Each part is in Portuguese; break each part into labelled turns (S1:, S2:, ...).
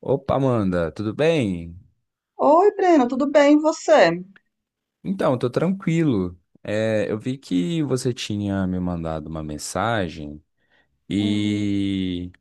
S1: Opa, Amanda, tudo bem?
S2: Oi, Breno, tudo bem? E você?
S1: Então, tô tranquilo. Eu vi que você tinha me mandado uma mensagem
S2: Uhum.
S1: e,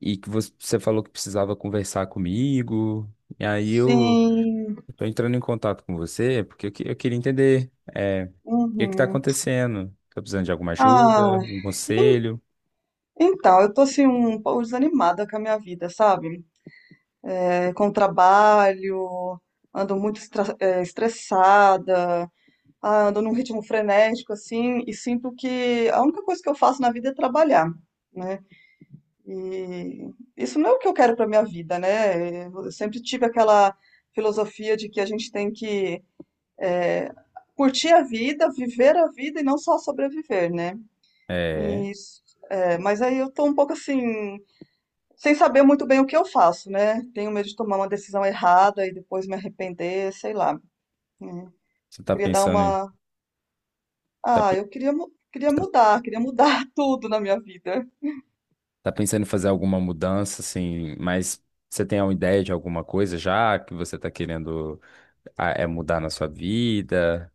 S1: e que você falou que precisava conversar comigo. E aí eu
S2: Sim.
S1: eu tô entrando em contato com você porque eu queria entender, o que é que tá
S2: Uhum.
S1: acontecendo? Tô precisando de alguma ajuda,
S2: Ah,
S1: um
S2: en-
S1: conselho?
S2: então, eu tô assim um pouco desanimada com a minha vida, sabe? É, com o trabalho, ando muito estressada, ah, ando num ritmo frenético, assim, e sinto que a única coisa que eu faço na vida é trabalhar, né? E isso não é o que eu quero para minha vida, né? Eu sempre tive aquela filosofia de que a gente tem que é, curtir a vida, viver a vida e não só sobreviver, né?
S1: É,
S2: E, mas aí eu tô um pouco assim, sem saber muito bem o que eu faço, né? Tenho medo de tomar uma decisão errada e depois me arrepender, sei lá. Hum.
S1: você tá
S2: Queria dar
S1: pensando, em-
S2: uma.
S1: tá,
S2: Ah,
S1: pe-
S2: eu queria, queria
S1: tá
S2: mudar, tudo na minha vida.
S1: Tá pensando em fazer alguma mudança, assim, mas você tem uma ideia de alguma coisa já que você tá querendo é mudar na sua vida?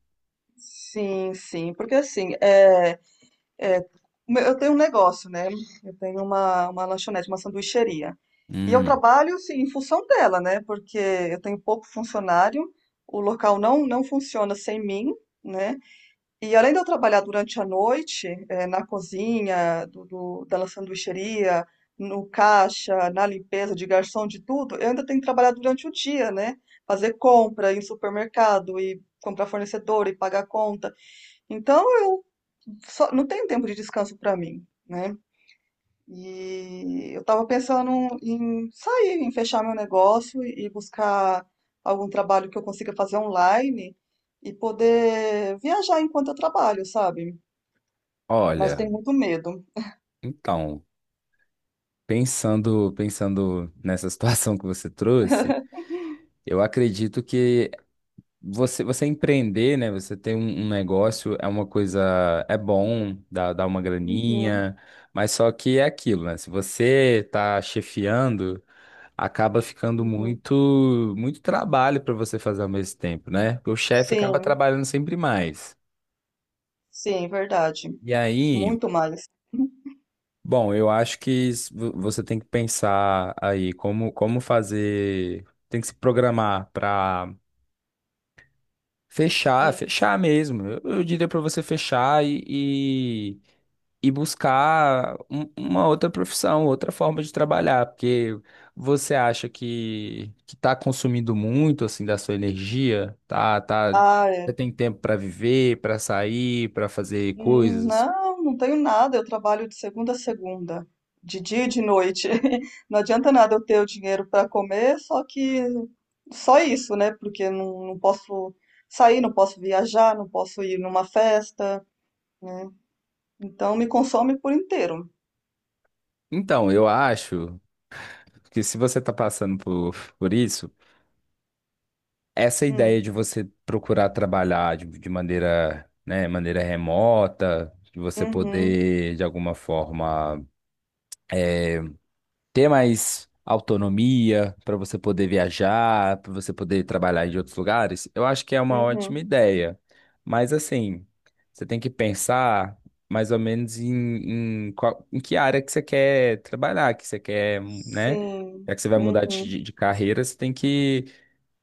S2: Sim, sim, porque assim, É, eu tenho um negócio, né? Eu tenho uma lanchonete, uma sanduicheria. E eu
S1: Hum,
S2: trabalho, assim, em função dela, né? Porque eu tenho pouco funcionário, o local não funciona sem mim, né? E além de eu trabalhar durante a noite, na cozinha da sanduicheria, no caixa, na limpeza de garçom, de tudo, eu ainda tenho que trabalhar durante o dia, né? Fazer compra, ir em supermercado, e comprar fornecedor e pagar conta. Então, eu não tem tempo de descanso para mim, né? E eu tava pensando em sair, em fechar meu negócio e buscar algum trabalho que eu consiga fazer online e poder viajar enquanto eu trabalho, sabe? Mas
S1: olha,
S2: tenho muito medo.
S1: então, pensando nessa situação que você trouxe, eu acredito que você empreender, né? Você ter um negócio é uma coisa, é bom, dá uma
S2: Uhum,
S1: graninha, mas só que é aquilo, né? Se você tá chefiando, acaba ficando
S2: uhum.
S1: muito muito trabalho para você fazer ao mesmo tempo, né? Porque o chefe acaba
S2: Sim,
S1: trabalhando sempre mais.
S2: sim, verdade.
S1: E aí,
S2: Muito mais.
S1: bom, eu acho que você tem que pensar aí como como fazer, tem que se programar para
S2: Hum.
S1: fechar mesmo. Eu diria pra você fechar e, e buscar uma outra profissão, outra forma de trabalhar, porque você acha que tá consumindo muito assim da sua energia,
S2: Ah,
S1: você
S2: é.
S1: tem tempo pra viver, pra sair, pra fazer
S2: Hum.
S1: coisas.
S2: Não, não tenho nada. Eu trabalho de segunda a segunda, de dia e de noite. Não adianta nada eu ter o dinheiro para comer, só que só isso, né? Porque não posso sair, não posso viajar, não posso ir numa festa, né? Então me consome por inteiro.
S1: Então, eu acho que se você tá passando por isso, essa ideia
S2: Hum,
S1: de você procurar trabalhar de maneira, né, maneira remota, de você
S2: uhum,
S1: poder, de alguma forma, ter mais autonomia para você poder viajar, para você poder trabalhar em outros lugares, eu acho que é uma ótima
S2: uhum.
S1: ideia. Mas, assim, você tem que pensar mais ou menos em que área que você quer trabalhar, que você quer, né?
S2: Sim,
S1: Já que você vai mudar
S2: uhum.
S1: de carreira, você tem que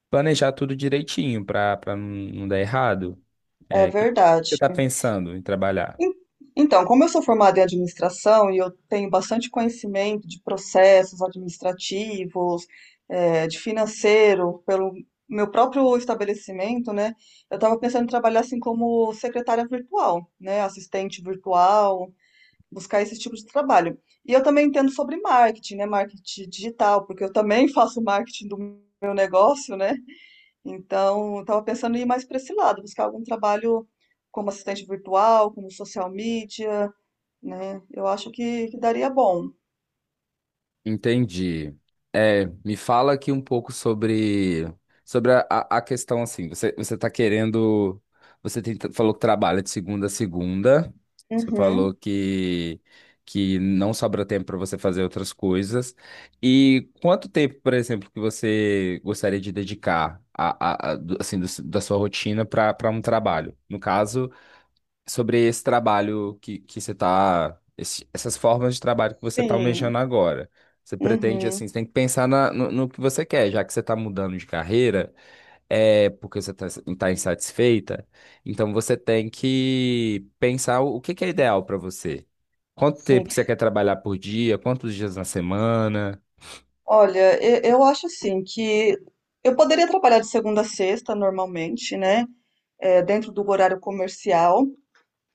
S1: planejar tudo direitinho para para não dar errado.
S2: É
S1: É, o que você
S2: verdade.
S1: está pensando em trabalhar?
S2: En- Então, como eu sou formada em administração e eu tenho bastante conhecimento de processos administrativos, de financeiro, pelo meu próprio estabelecimento, né? Eu estava pensando em trabalhar assim como secretária virtual, né? Assistente virtual, buscar esse tipo de trabalho. E eu também entendo sobre marketing, né? Marketing digital, porque eu também faço marketing do meu negócio, né? Então, estava pensando em ir mais para esse lado, buscar algum trabalho como assistente virtual, como social media, né? Eu acho que, daria bom.
S1: Entendi. É, me fala aqui um pouco sobre a questão assim. Você tá querendo. Falou que trabalha de segunda a segunda. Você falou
S2: Uhum,
S1: que não sobra tempo para você fazer outras coisas. E quanto tempo, por exemplo, que você gostaria de dedicar assim, da sua rotina para para um trabalho? No caso, sobre esse trabalho que você está, essas formas de trabalho que você está
S2: sim,
S1: almejando agora. Você pretende,
S2: uhum,
S1: assim, você tem que pensar no que você quer, já que você está mudando de carreira, é porque você está tá insatisfeita, então você tem que pensar o que que é ideal para você. Quanto tempo
S2: sim.
S1: que você quer trabalhar por dia, quantos dias na semana?
S2: Olha, eu acho assim que eu poderia trabalhar de segunda a sexta normalmente, né? É, dentro do horário comercial.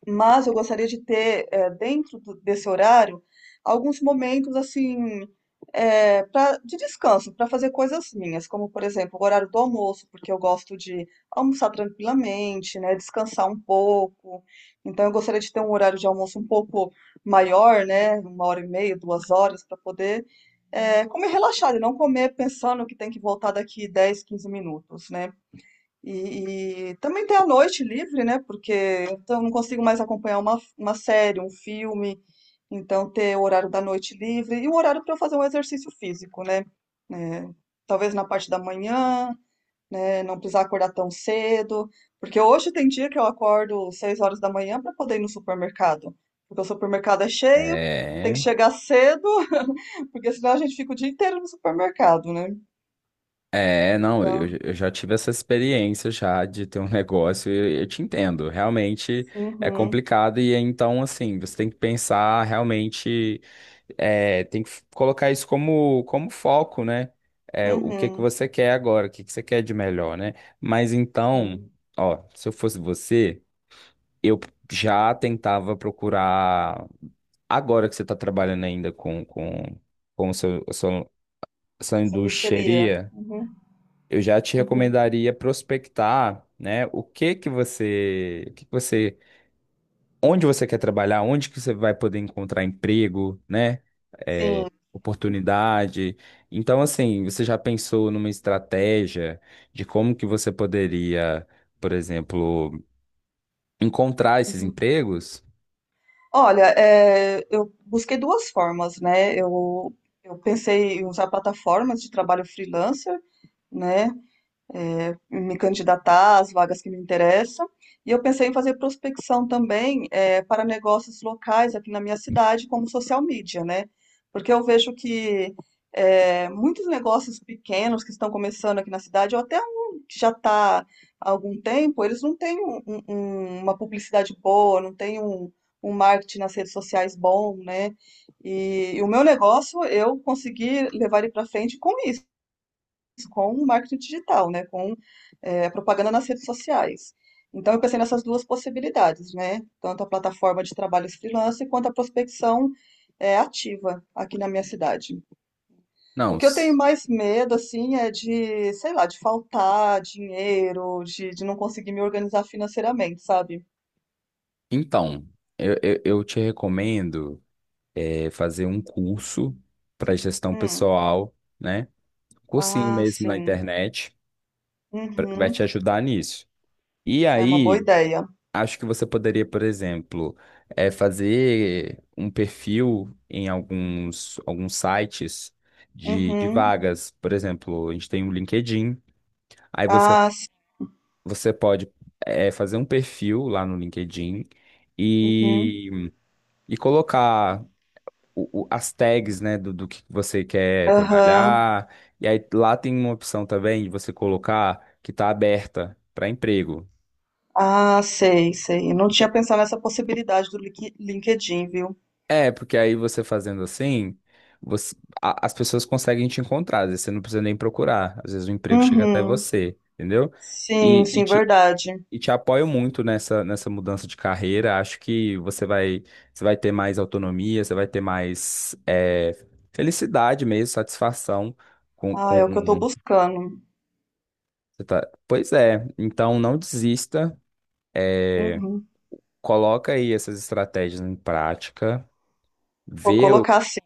S2: Mas eu gostaria de ter dentro desse horário alguns momentos assim de descanso para fazer coisas minhas, como por exemplo o horário do almoço, porque eu gosto de almoçar tranquilamente, né, descansar um pouco. Então eu gostaria de ter um horário de almoço um pouco maior, né, 1h30, 2 horas para poder comer relaxado e não comer pensando que tem que voltar daqui 10, 15 minutos, né? E também ter a noite livre, né? Porque então eu não consigo mais acompanhar uma série, um filme. Então, ter o horário da noite livre e o horário para eu fazer um exercício físico, né? É, talvez na parte da manhã, né? Não precisar acordar tão cedo. Porque hoje tem dia que eu acordo 6 horas da manhã para poder ir no supermercado. Porque o supermercado é cheio, tem que
S1: É.
S2: chegar cedo, porque senão a gente fica o dia inteiro no supermercado, né?
S1: É, não, eu
S2: Então,
S1: já tive essa experiência já de ter um negócio e eu te entendo. Realmente é
S2: uhum,
S1: complicado e então, assim, você tem que pensar realmente, é, tem que colocar isso como foco, né? É, o que que
S2: uhum,
S1: você quer agora, o que que você quer de melhor, né? Mas então,
S2: sim.
S1: ó, se eu fosse você, eu já tentava procurar agora que você está trabalhando ainda com o seu, a sua,
S2: Sanduicheria. Uhum,
S1: eu já te
S2: uhum.
S1: recomendaria prospectar, né, o que que você, o que que você, onde você quer trabalhar, onde que você vai poder encontrar emprego, né, é,
S2: Sim.
S1: oportunidade. Então, assim, você já pensou numa estratégia de como que você poderia, por exemplo, encontrar esses
S2: Uhum.
S1: empregos?
S2: Olha, eu busquei duas formas, né? Eu pensei em usar plataformas de trabalho freelancer, né? Me candidatar às vagas que me interessam. E eu pensei em fazer prospecção também para negócios locais aqui na minha cidade, como social media, né? Porque eu vejo que muitos negócios pequenos que estão começando aqui na cidade, ou até um que já está há algum tempo, eles não têm uma publicidade boa, não têm um marketing nas redes sociais bom, né? E o meu negócio, eu consegui levar ele para frente com isso com o marketing digital, né? Com a propaganda nas redes sociais. Então, eu pensei nessas duas possibilidades, né? Tanto a plataforma de trabalhos freelance quanto a prospecção ativa aqui na minha cidade. O
S1: Não.
S2: que eu tenho
S1: s-
S2: mais medo, assim, é de, sei lá, de faltar dinheiro, de não conseguir me organizar financeiramente, sabe?
S1: Então, eu te recomendo é, fazer um curso para gestão
S2: Hum.
S1: pessoal, né? Cursinho
S2: Ah,
S1: mesmo na
S2: sim.
S1: internet, pra- vai
S2: Uhum.
S1: te ajudar nisso. E
S2: É uma boa
S1: aí,
S2: ideia.
S1: acho que você poderia, por exemplo, é, fazer um perfil em alguns sites de
S2: Uhum.
S1: vagas. Por exemplo, a gente tem o LinkedIn, aí
S2: Ah, sim.
S1: você pode é, fazer um perfil lá no LinkedIn
S2: Uhum.
S1: e, e colocar as tags, né, do que você quer
S2: Aham.
S1: trabalhar. E aí lá tem uma opção também de você colocar que está aberta para emprego.
S2: Ah, sei, sei. Eu não tinha pensado nessa possibilidade do LinkedIn, viu?
S1: É, porque aí você fazendo assim, você- as pessoas conseguem te encontrar, às vezes você não precisa nem procurar, às vezes o emprego chega até
S2: Uhum.
S1: você, entendeu?
S2: Sim,
S1: E, e
S2: sim,
S1: te,
S2: verdade.
S1: e te apoio muito nessa, nessa mudança de carreira, acho que você vai ter mais autonomia, você vai ter mais é, felicidade mesmo, satisfação
S2: Ah, é o que eu tô
S1: com...
S2: buscando.
S1: Você tá- Pois é, então não desista,
S2: Uhum.
S1: coloca aí essas estratégias em prática,
S2: Vou
S1: vê
S2: colocar assim.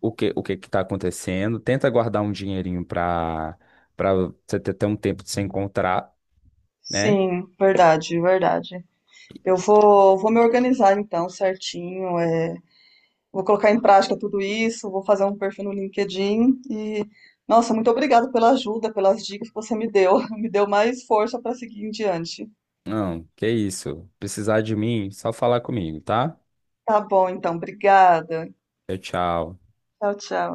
S1: o que que tá acontecendo, tenta guardar um dinheirinho para para você ter um tempo de se encontrar, né?
S2: Sim, verdade, verdade. Eu vou me organizar então certinho. Vou colocar em prática tudo isso, vou fazer um perfil no LinkedIn e, nossa, muito obrigada pela ajuda, pelas dicas que você me deu. Me deu mais força para seguir em diante.
S1: Não, que isso. Precisar de mim, só falar comigo, tá?
S2: Tá bom, então. Obrigada.
S1: Tchau, tchau.
S2: Tchau, tchau.